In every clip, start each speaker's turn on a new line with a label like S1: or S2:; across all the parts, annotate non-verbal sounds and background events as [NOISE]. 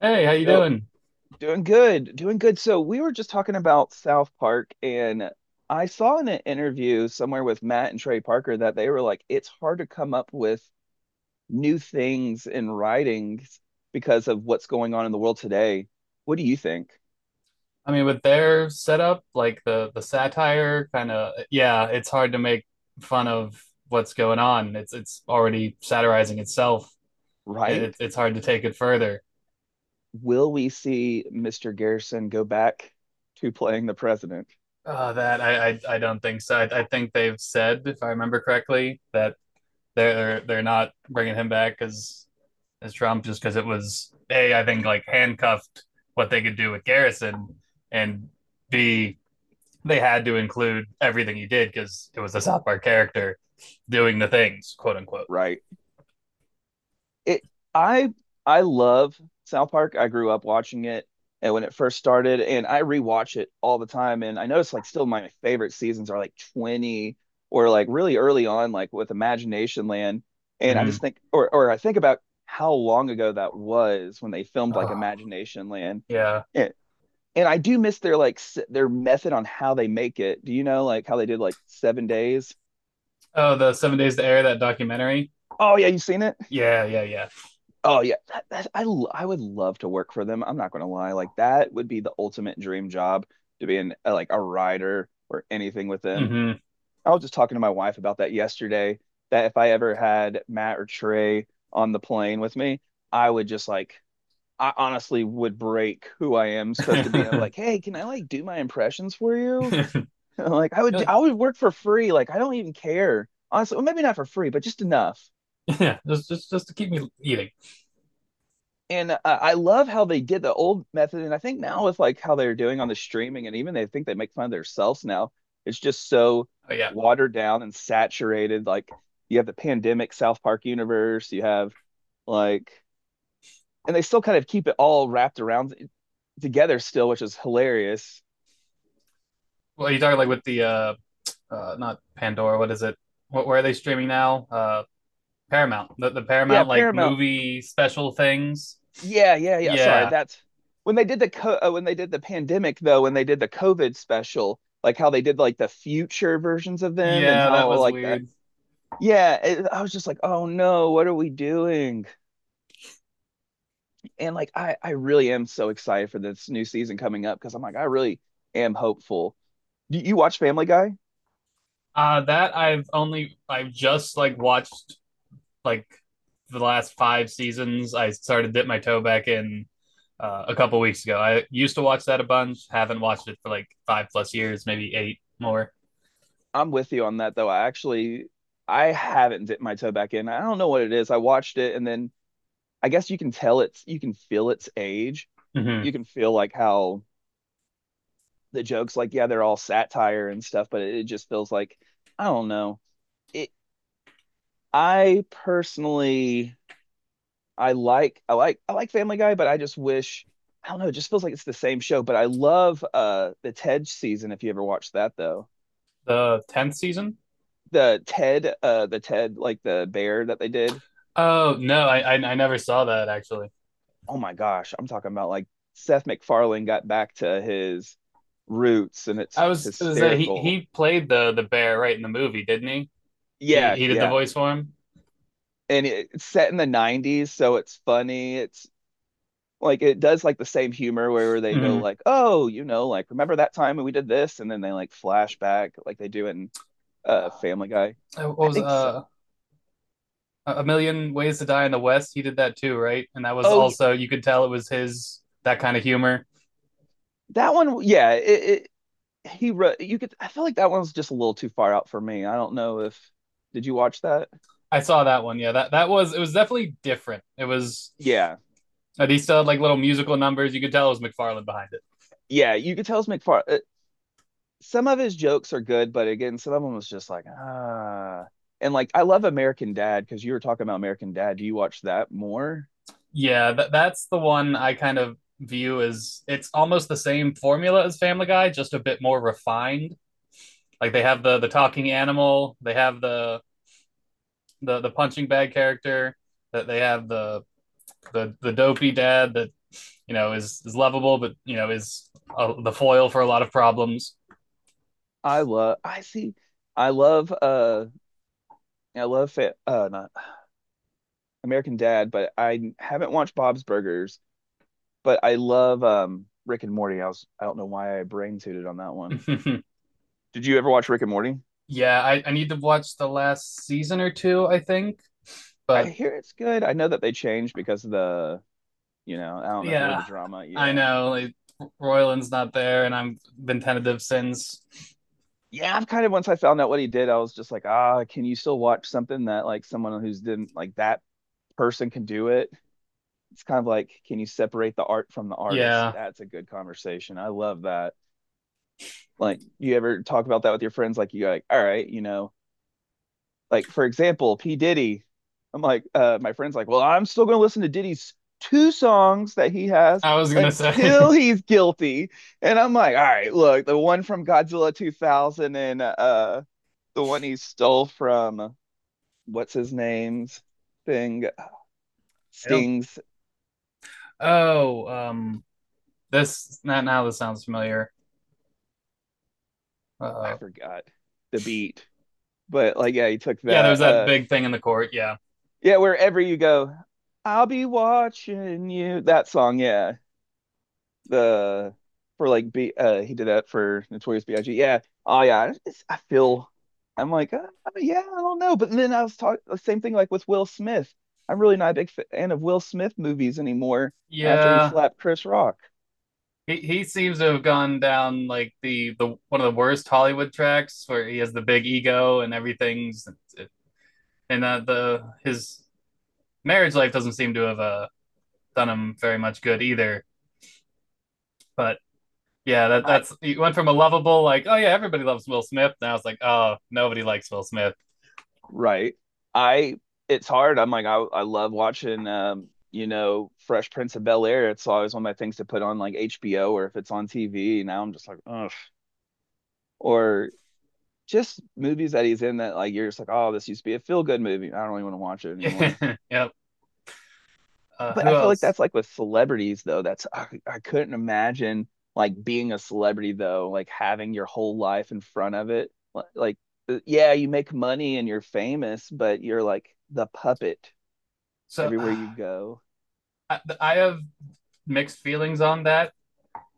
S1: Hey, how you
S2: So,
S1: doing?
S2: doing good, doing good. So, we were just talking about South Park, and I saw in an interview somewhere with Matt and Trey Parker that they were like, it's hard to come up with new things in writings because of what's going on in the world today. What do you think?
S1: I mean, with their setup, like the satire kind of, yeah, it's hard to make fun of what's going on. It's already satirizing itself. It,
S2: Right?
S1: it's hard to take it further.
S2: Will we see Mr. Garrison go back to playing the president?
S1: That I don't think so. I think they've said, if I remember correctly, that they're not bringing him back as Trump just because it was A, I think, like, handcuffed what they could do with Garrison, and B, they had to include everything he did because it was the South Park character doing the things, quote unquote.
S2: Right. it I I love South Park. I grew up watching it and when it first started, and I rewatch it all the time, and I notice like still my favorite seasons are like 20 or like really early on, like with Imagination Land. And I
S1: Mm-hmm.
S2: just think, or I think about how long ago that was when they filmed like
S1: Oh,
S2: Imagination Land.
S1: yeah.
S2: And, and I do miss their like their method on how they make it. Do you know like how they did like 7 days?
S1: Oh, the Seven Days to Air that documentary.
S2: Oh yeah, you've seen it?
S1: Yeah, yeah, yeah.
S2: Oh yeah, that, that, I would love to work for them. I'm not going to lie. Like that would be the ultimate dream job to be in like a writer or anything with them.
S1: Mm-hmm.
S2: I was just talking to my wife about that yesterday, that if I ever had Matt or Trey on the plane with me, I would just like, I honestly would break who I am supposed to be, and I'm like,
S1: [LAUGHS]
S2: "Hey, can I like do my impressions for you?" [LAUGHS] Like I
S1: You're
S2: would
S1: like,
S2: I would work for free. Like I don't even care. Honestly, well, maybe not for free, but just enough.
S1: yeah, just to keep me eating.
S2: And I love how they did the old method, and I think now with like how they're doing on the streaming, and even they think they make fun of themselves now. It's just so
S1: Oh yeah.
S2: watered down and saturated. Like you have the pandemic South Park universe, you have like, and they still kind of keep it all wrapped around together still, which is hilarious.
S1: Well, you talking like
S2: And
S1: with the not Pandora. What is it? What where are they streaming now? Paramount. The
S2: yeah,
S1: Paramount like
S2: Paramount.
S1: movie special things.
S2: Yeah, yeah, yeah. Sorry,
S1: Yeah,
S2: that's when they did the when they did the pandemic though, when they did the COVID special, like how they did like the future versions of them, and
S1: yeah, that
S2: how
S1: was
S2: like the
S1: weird.
S2: yeah it, I was just like, oh no, what are we doing? And like I really am so excited for this new season coming up because I'm like I really am hopeful. Do you watch Family Guy?
S1: That I've only I've just like watched like the last five seasons. I started dip my toe back in a couple weeks ago. I used to watch that a bunch. Haven't watched it for like five plus years, maybe eight more.
S2: I'm with you on that though. I actually, I haven't dipped my toe back in. I don't know what it is. I watched it, and then I guess you can tell it's, you can feel its age.
S1: Mm-hmm.
S2: You can feel like how the jokes, like yeah, they're all satire and stuff, but it just feels like, I don't know. It i personally, I like I like Family Guy, but I just wish, I don't know, it just feels like it's the same show. But I love the Ted season, if you ever watched that though.
S1: The tenth season.
S2: The Ted the Ted, like the bear that they did.
S1: Oh no, I never saw that actually.
S2: Oh my gosh, I'm talking about like Seth MacFarlane got back to his roots, and it's
S1: I was that he
S2: hysterical.
S1: he played the bear right in the movie, didn't he? He
S2: Yeah,
S1: he did the
S2: yeah.
S1: voice for him.
S2: And it's set in the 90s, so it's funny. It's like it does like the same humor where they go
S1: Mm-hmm.
S2: like, "Oh, you know, like remember that time when we did this?" And then they like flashback like they do in Family Guy.
S1: What
S2: I
S1: was
S2: think so.
S1: A Million Ways to Die in the West, he did that too, right? And that was
S2: Oh, yeah,
S1: also you could tell it was his that kind of humor.
S2: that one. Yeah, it he wrote. You could. I feel like that one's just a little too far out for me. I don't know if. Did you watch that?
S1: I saw that one. Yeah, that that was it was definitely different. It was
S2: Yeah,
S1: he still had like little musical numbers. You could tell it was McFarlane behind it.
S2: yeah. You could tell it's McFarlane. Some of his jokes are good, but again, some of them was just like, ah. And like, I love American Dad, because you were talking about American Dad. Do you watch that more?
S1: Yeah, that's the one I kind of view as it's almost the same formula as Family Guy, just a bit more refined. Like they have the talking animal, they have the punching bag character, that they have the dopey dad that you know, is lovable, but you know, is the foil for a lot of problems.
S2: I love. I see. I love. I love. Not American Dad, but I haven't watched Bob's Burgers. But I love Rick and Morty. I was, I don't know why I brain tooted on that one.
S1: [LAUGHS]
S2: Did you ever watch Rick and Morty?
S1: yeah, I need to watch the last season or two, I think.
S2: I
S1: But
S2: hear it's good. I know that they changed because of the, you know, I don't know if you heard
S1: yeah,
S2: the drama.
S1: I
S2: Yeah,
S1: know, like, Royland's not there, and I've been tentative since.
S2: yeah. I've kind of, once I found out what he did, I was just like, ah, can you still watch something that like someone who's didn't like that person can do it? It's kind of like, can you separate the art from the artist?
S1: Yeah,
S2: That's a good conversation. I love that. Like, you ever talk about that with your friends? Like, you're like, all right, you know, like for example, P Diddy. I'm like, my friend's like, well, I'm still gonna listen to Diddy's two songs that he has
S1: I was gonna say
S2: until
S1: [LAUGHS]
S2: he's guilty. And I'm like, all right, look, the one from Godzilla 2000 and the one he stole from what's his name's thing,
S1: I don't.
S2: Sting's,
S1: Oh, this now this sounds familiar.
S2: I
S1: Uh,
S2: forgot the beat, but like, yeah, he took
S1: yeah, there was
S2: that.
S1: that big thing in the court. Yeah,
S2: Yeah, wherever you go, I'll be watching you. That song, yeah. the for like B he did that for Notorious B.I.G. Yeah. Oh yeah. It's, I feel I'm like yeah, I don't know. But then I was talking the same thing, like with Will Smith. I'm really not a big fan of Will Smith movies anymore after he
S1: yeah.
S2: slapped Chris Rock.
S1: He seems to have gone down like the one of the worst Hollywood tracks where he has the big ego and everything's and the his marriage life doesn't seem to have done him very much good either. But yeah, that
S2: I
S1: that's he went from a lovable like oh yeah everybody loves Will Smith now it's like oh nobody likes Will Smith.
S2: right. I it's hard. I'm like I love watching you know Fresh Prince of Bel Air. It's always one of my things to put on like HBO, or if it's on TV. Now I'm just like, ugh. Or just movies that he's in that like, you're just like, oh, this used to be a feel good movie. I don't really want to watch it anymore.
S1: [LAUGHS] yep.
S2: But
S1: Who
S2: I feel like
S1: else?
S2: that's like with celebrities though. That's, I couldn't imagine like being a celebrity though, like having your whole life in front of it. Like, yeah, you make money and you're famous, but you're like the puppet
S1: So
S2: everywhere
S1: uh,
S2: you go.
S1: I have mixed feelings on that.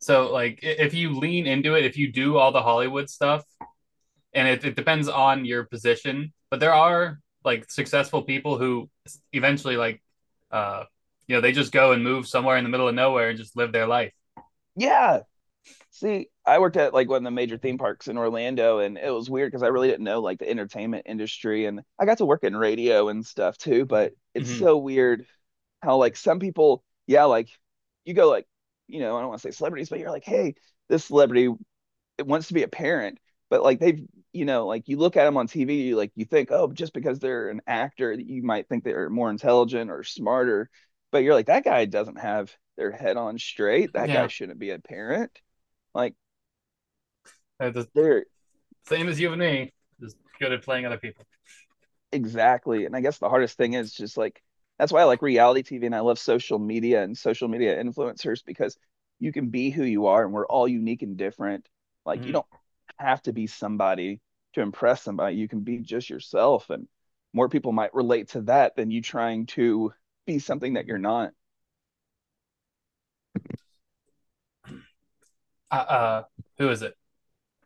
S1: So like if you lean into it, if you do all the Hollywood stuff and it depends on your position. But there are like successful people who eventually like, uh, you know, they just go and move somewhere in the middle of nowhere and just live their life.
S2: Yeah. See, I worked at like one of the major theme parks in Orlando, and it was weird because I really didn't know like the entertainment industry, and I got to work in radio and stuff too. But it's
S1: Mm-hmm.
S2: so weird how like some people, yeah, like you go like, you know, I don't want to say celebrities, but you're like, hey, this celebrity wants to be a parent, but like they've, you know, like you look at them on TV, you like you think, oh, just because they're an actor, you might think they're more intelligent or smarter, but you're like, that guy doesn't have their head on straight. That guy
S1: Yeah,
S2: shouldn't be a parent. Like
S1: they're the
S2: they're.
S1: same as you and me, just good at playing other people.
S2: Exactly. And I guess the hardest thing is just like, that's why I like reality TV, and I love social media and social media influencers, because you can be who you are and we're all unique and different. Like you don't
S1: Mm-hmm.
S2: have to be somebody to impress somebody. You can be just yourself, and more people might relate to that than you trying to be something that you're not.
S1: Uh, uh, who is it?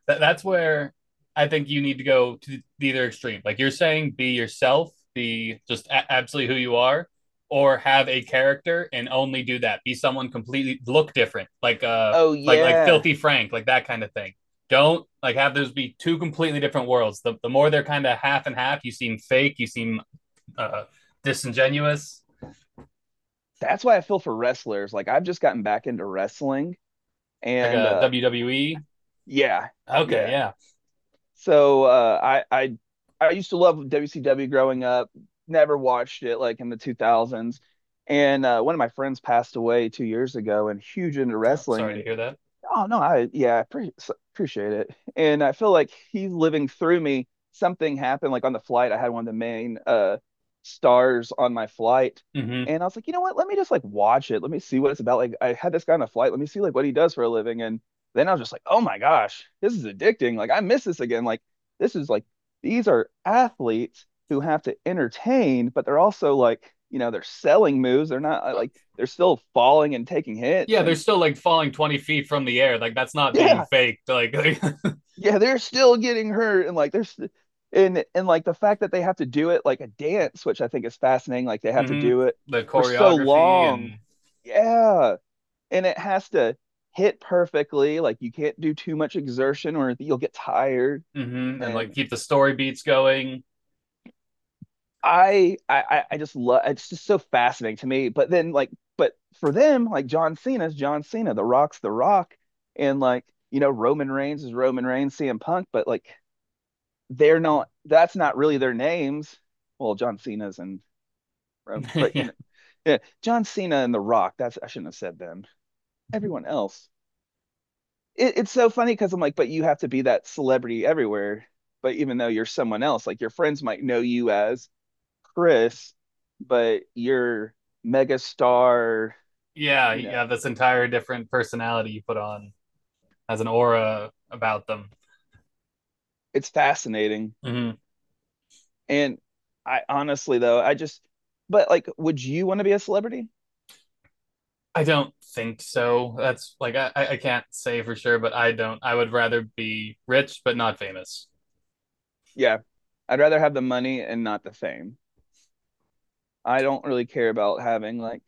S1: That's where I think you need to go to the either extreme. Like you're saying, be yourself, be just absolutely who you are, or have a character and only do that. Be someone completely look different,
S2: Oh
S1: like
S2: yeah.
S1: Filthy Frank, like that kind of thing. Don't like have those be two completely different worlds. The more they're kind of half and half, you seem fake, you seem uh, disingenuous,
S2: That's why I feel for wrestlers. Like I've just gotten back into wrestling,
S1: like
S2: and
S1: a WWE.
S2: yeah,
S1: Okay,
S2: yeah.
S1: yeah.
S2: So uh, I I used to love WCW growing up. Never watched it like in the 2000s. And one of my friends passed away 2 years ago and huge into
S1: Oh,
S2: wrestling.
S1: sorry to
S2: And
S1: hear that.
S2: oh no, I yeah, appreciate it. And I feel like he's living through me. Something happened like on the flight. I had one of the main stars on my flight.
S1: Mm-hmm.
S2: And I was like, you know what? Let me just like watch it. Let me see what it's about. Like I had this guy on the flight. Let me see like what he does for a living. And then I was just like, oh my gosh, this is addicting. Like I miss this again. Like this is like, these are athletes who have to entertain, but they're also like, you know, they're selling moves. They're not like, they're still falling and taking hits,
S1: Yeah, they're
S2: and
S1: still like falling 20 feet from the air. Like that's
S2: [LAUGHS]
S1: not being
S2: yeah,
S1: faked. Like, mhm.
S2: yeah, they're still getting hurt, and like there's and like the fact that they have to do it like a dance, which I think is fascinating. Like they have to do it
S1: [LAUGHS] the
S2: for so
S1: choreography
S2: long,
S1: and
S2: yeah, and it has to hit perfectly. Like you can't do too much exertion, or you'll get tired.
S1: mhm, and like
S2: And
S1: keep the story beats going.
S2: just love, it's just so fascinating to me. But then like, but for them like John Cena's John Cena, The Rock's The Rock, and like you know Roman Reigns is Roman Reigns, CM Punk, but like they're not, that's not really their names. Well, John Cena's and
S1: [LAUGHS]
S2: but you
S1: yeah,
S2: know, yeah, John Cena and The Rock. That's, I shouldn't have said them. Everyone else. It's so funny because I'm like, but you have to be that celebrity everywhere. But even though you're someone else, like your friends might know you as Chris, but you're mega star.
S1: yeah,
S2: You
S1: you
S2: know,
S1: have this entire different personality you put on as an aura about them.
S2: it's fascinating.
S1: Hmm.
S2: And I honestly though, I just, but like, would you want to be a celebrity?
S1: I don't think so. That's like I can't say for sure, but I don't. I would rather be rich but not famous.
S2: Yeah, I'd rather have the money and not the fame. I don't really care about having like,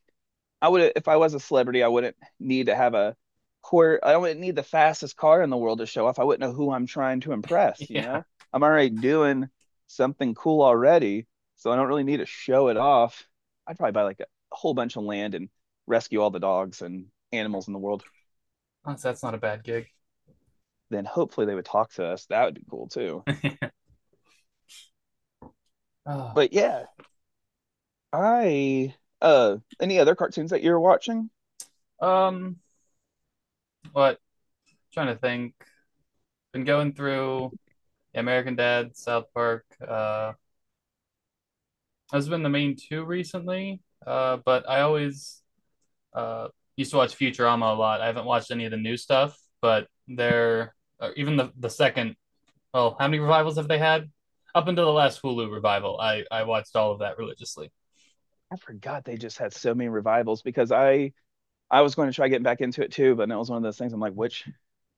S2: I would, if I was a celebrity, I wouldn't need to have a court. I wouldn't need the fastest car in the world to show off. I wouldn't know who I'm trying to
S1: [LAUGHS]
S2: impress, you
S1: Yeah.
S2: know? I'm already doing something cool already, so I don't really need to show it off. I'd probably buy like a whole bunch of land and rescue all the dogs and animals in the world.
S1: Oh, that's, not a bad gig.
S2: Then hopefully they would talk to us. That would be cool too.
S1: Oh,
S2: But yeah, I any other cartoons that you were watching?
S1: um, what? I'm Trying to think. Been going through American Dad, South Park. Has been the main two recently. But I always uh used to watch Futurama a lot. I haven't watched any of the new stuff, but they're even the second. Well, how many revivals have they had? Up until the last Hulu revival, I watched all of that religiously.
S2: I forgot they just had so many revivals because I was going to try getting back into it too, but that was one of those things. I'm like,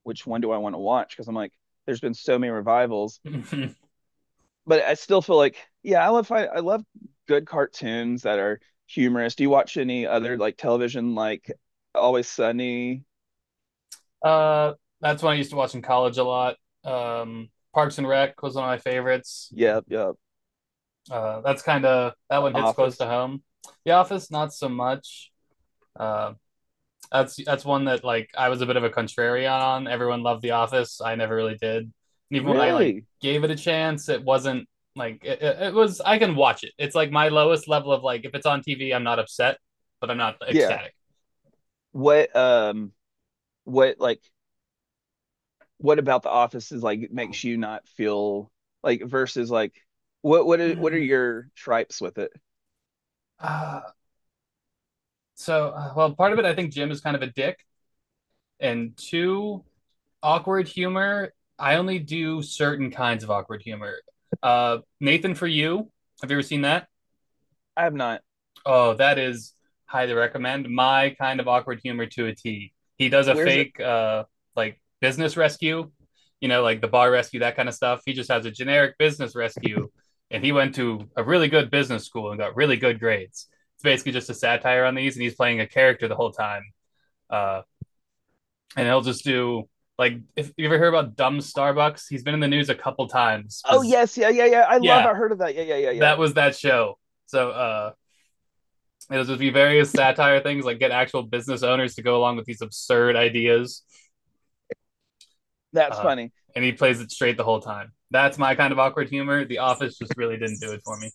S2: which one do I want to watch? Because I'm like, there's been so many revivals,
S1: [LAUGHS]
S2: but I still feel like, yeah, I love good cartoons that are humorous. Do you watch any other like television, like Always Sunny?
S1: uh, that's one I used to watch in college a lot. Parks and Rec was one of my favorites.
S2: Yeah, yeah,
S1: That's kind of that
S2: The
S1: one hits close to
S2: Office.
S1: home. The Office, not so much. Uh, that's one that like I was a bit of a contrarian on. Everyone loved The Office. I never really did. And even when I like
S2: Really?
S1: gave it a chance, it wasn't like it was. I can watch it. It's like my lowest level of like if it's on TV, I'm not upset, but I'm not
S2: Yeah.
S1: ecstatic. [SIGHS]
S2: What um what like, what about The Office is like makes you not feel like, versus like, what are your tripes with it?
S1: Uh, well, part of it I think Jim is kind of a dick, and two awkward humor. I only do certain kinds of awkward humor. Nathan for you. Have you ever seen that?
S2: I have not.
S1: Oh, that is highly recommend. My kind of awkward humor to a T. He does a
S2: Where's it?
S1: fake like business rescue, you know, like the bar rescue, that kind of stuff. He just has a generic business rescue and he went to a really good business school and got really good grades. It's basically just a satire on these and he's playing a character the whole time. Uh and he'll just do like if you ever hear about dumb Starbucks, he's been in the news a couple times
S2: Oh
S1: because
S2: yes, yeah, yeah, yeah. I love.
S1: yeah,
S2: I heard of that. Yeah, yeah, yeah, yeah.
S1: that was that show. So uh It'll just be various satire things, like get actual business owners to go along with these absurd ideas.
S2: That's
S1: Uh,
S2: funny.
S1: and he plays it straight the whole time. That's my kind of awkward humor. The Office just really didn't do it for me.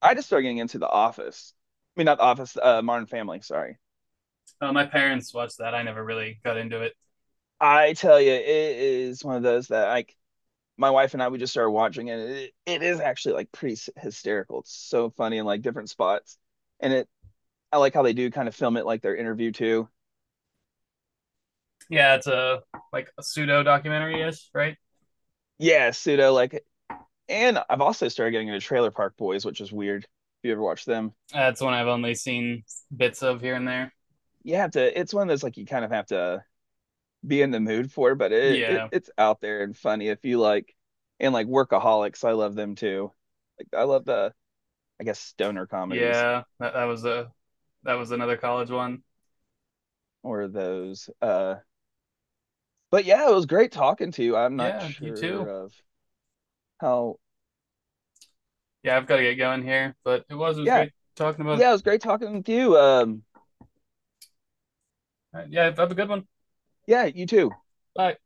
S2: I just started getting into The Office. I mean, not The Office. Modern Family. Sorry.
S1: My parents watched that. I never really got into it.
S2: I tell you, it is one of those that like, my wife and I, we just started watching it. It is actually like pretty hysterical. It's so funny in like different spots, and it. I like how they do kind of film it like their interview too.
S1: Yeah, it's a like a pseudo documentary ish, right?
S2: Yeah, pseudo like. And I've also started getting into Trailer Park Boys, which is weird. If you ever watch them,
S1: That's one I've only seen bits of here and there.
S2: you have to. It's one of those like, you kind of have to be in the mood for, but it
S1: Yeah,
S2: it's out there and funny if you like, and like Workaholics, I love them too. Like I love the, I guess stoner comedies
S1: yeah. That was a that was another college one.
S2: or those. But yeah, it was great talking to you. I'm not
S1: Yeah, you
S2: sure
S1: too.
S2: of how
S1: Yeah, I've got to get going here, but it was
S2: yeah.
S1: great talking about. It.
S2: Yeah, it was great talking with you.
S1: All right, yeah, have a good one.
S2: Yeah, you too.
S1: Bye.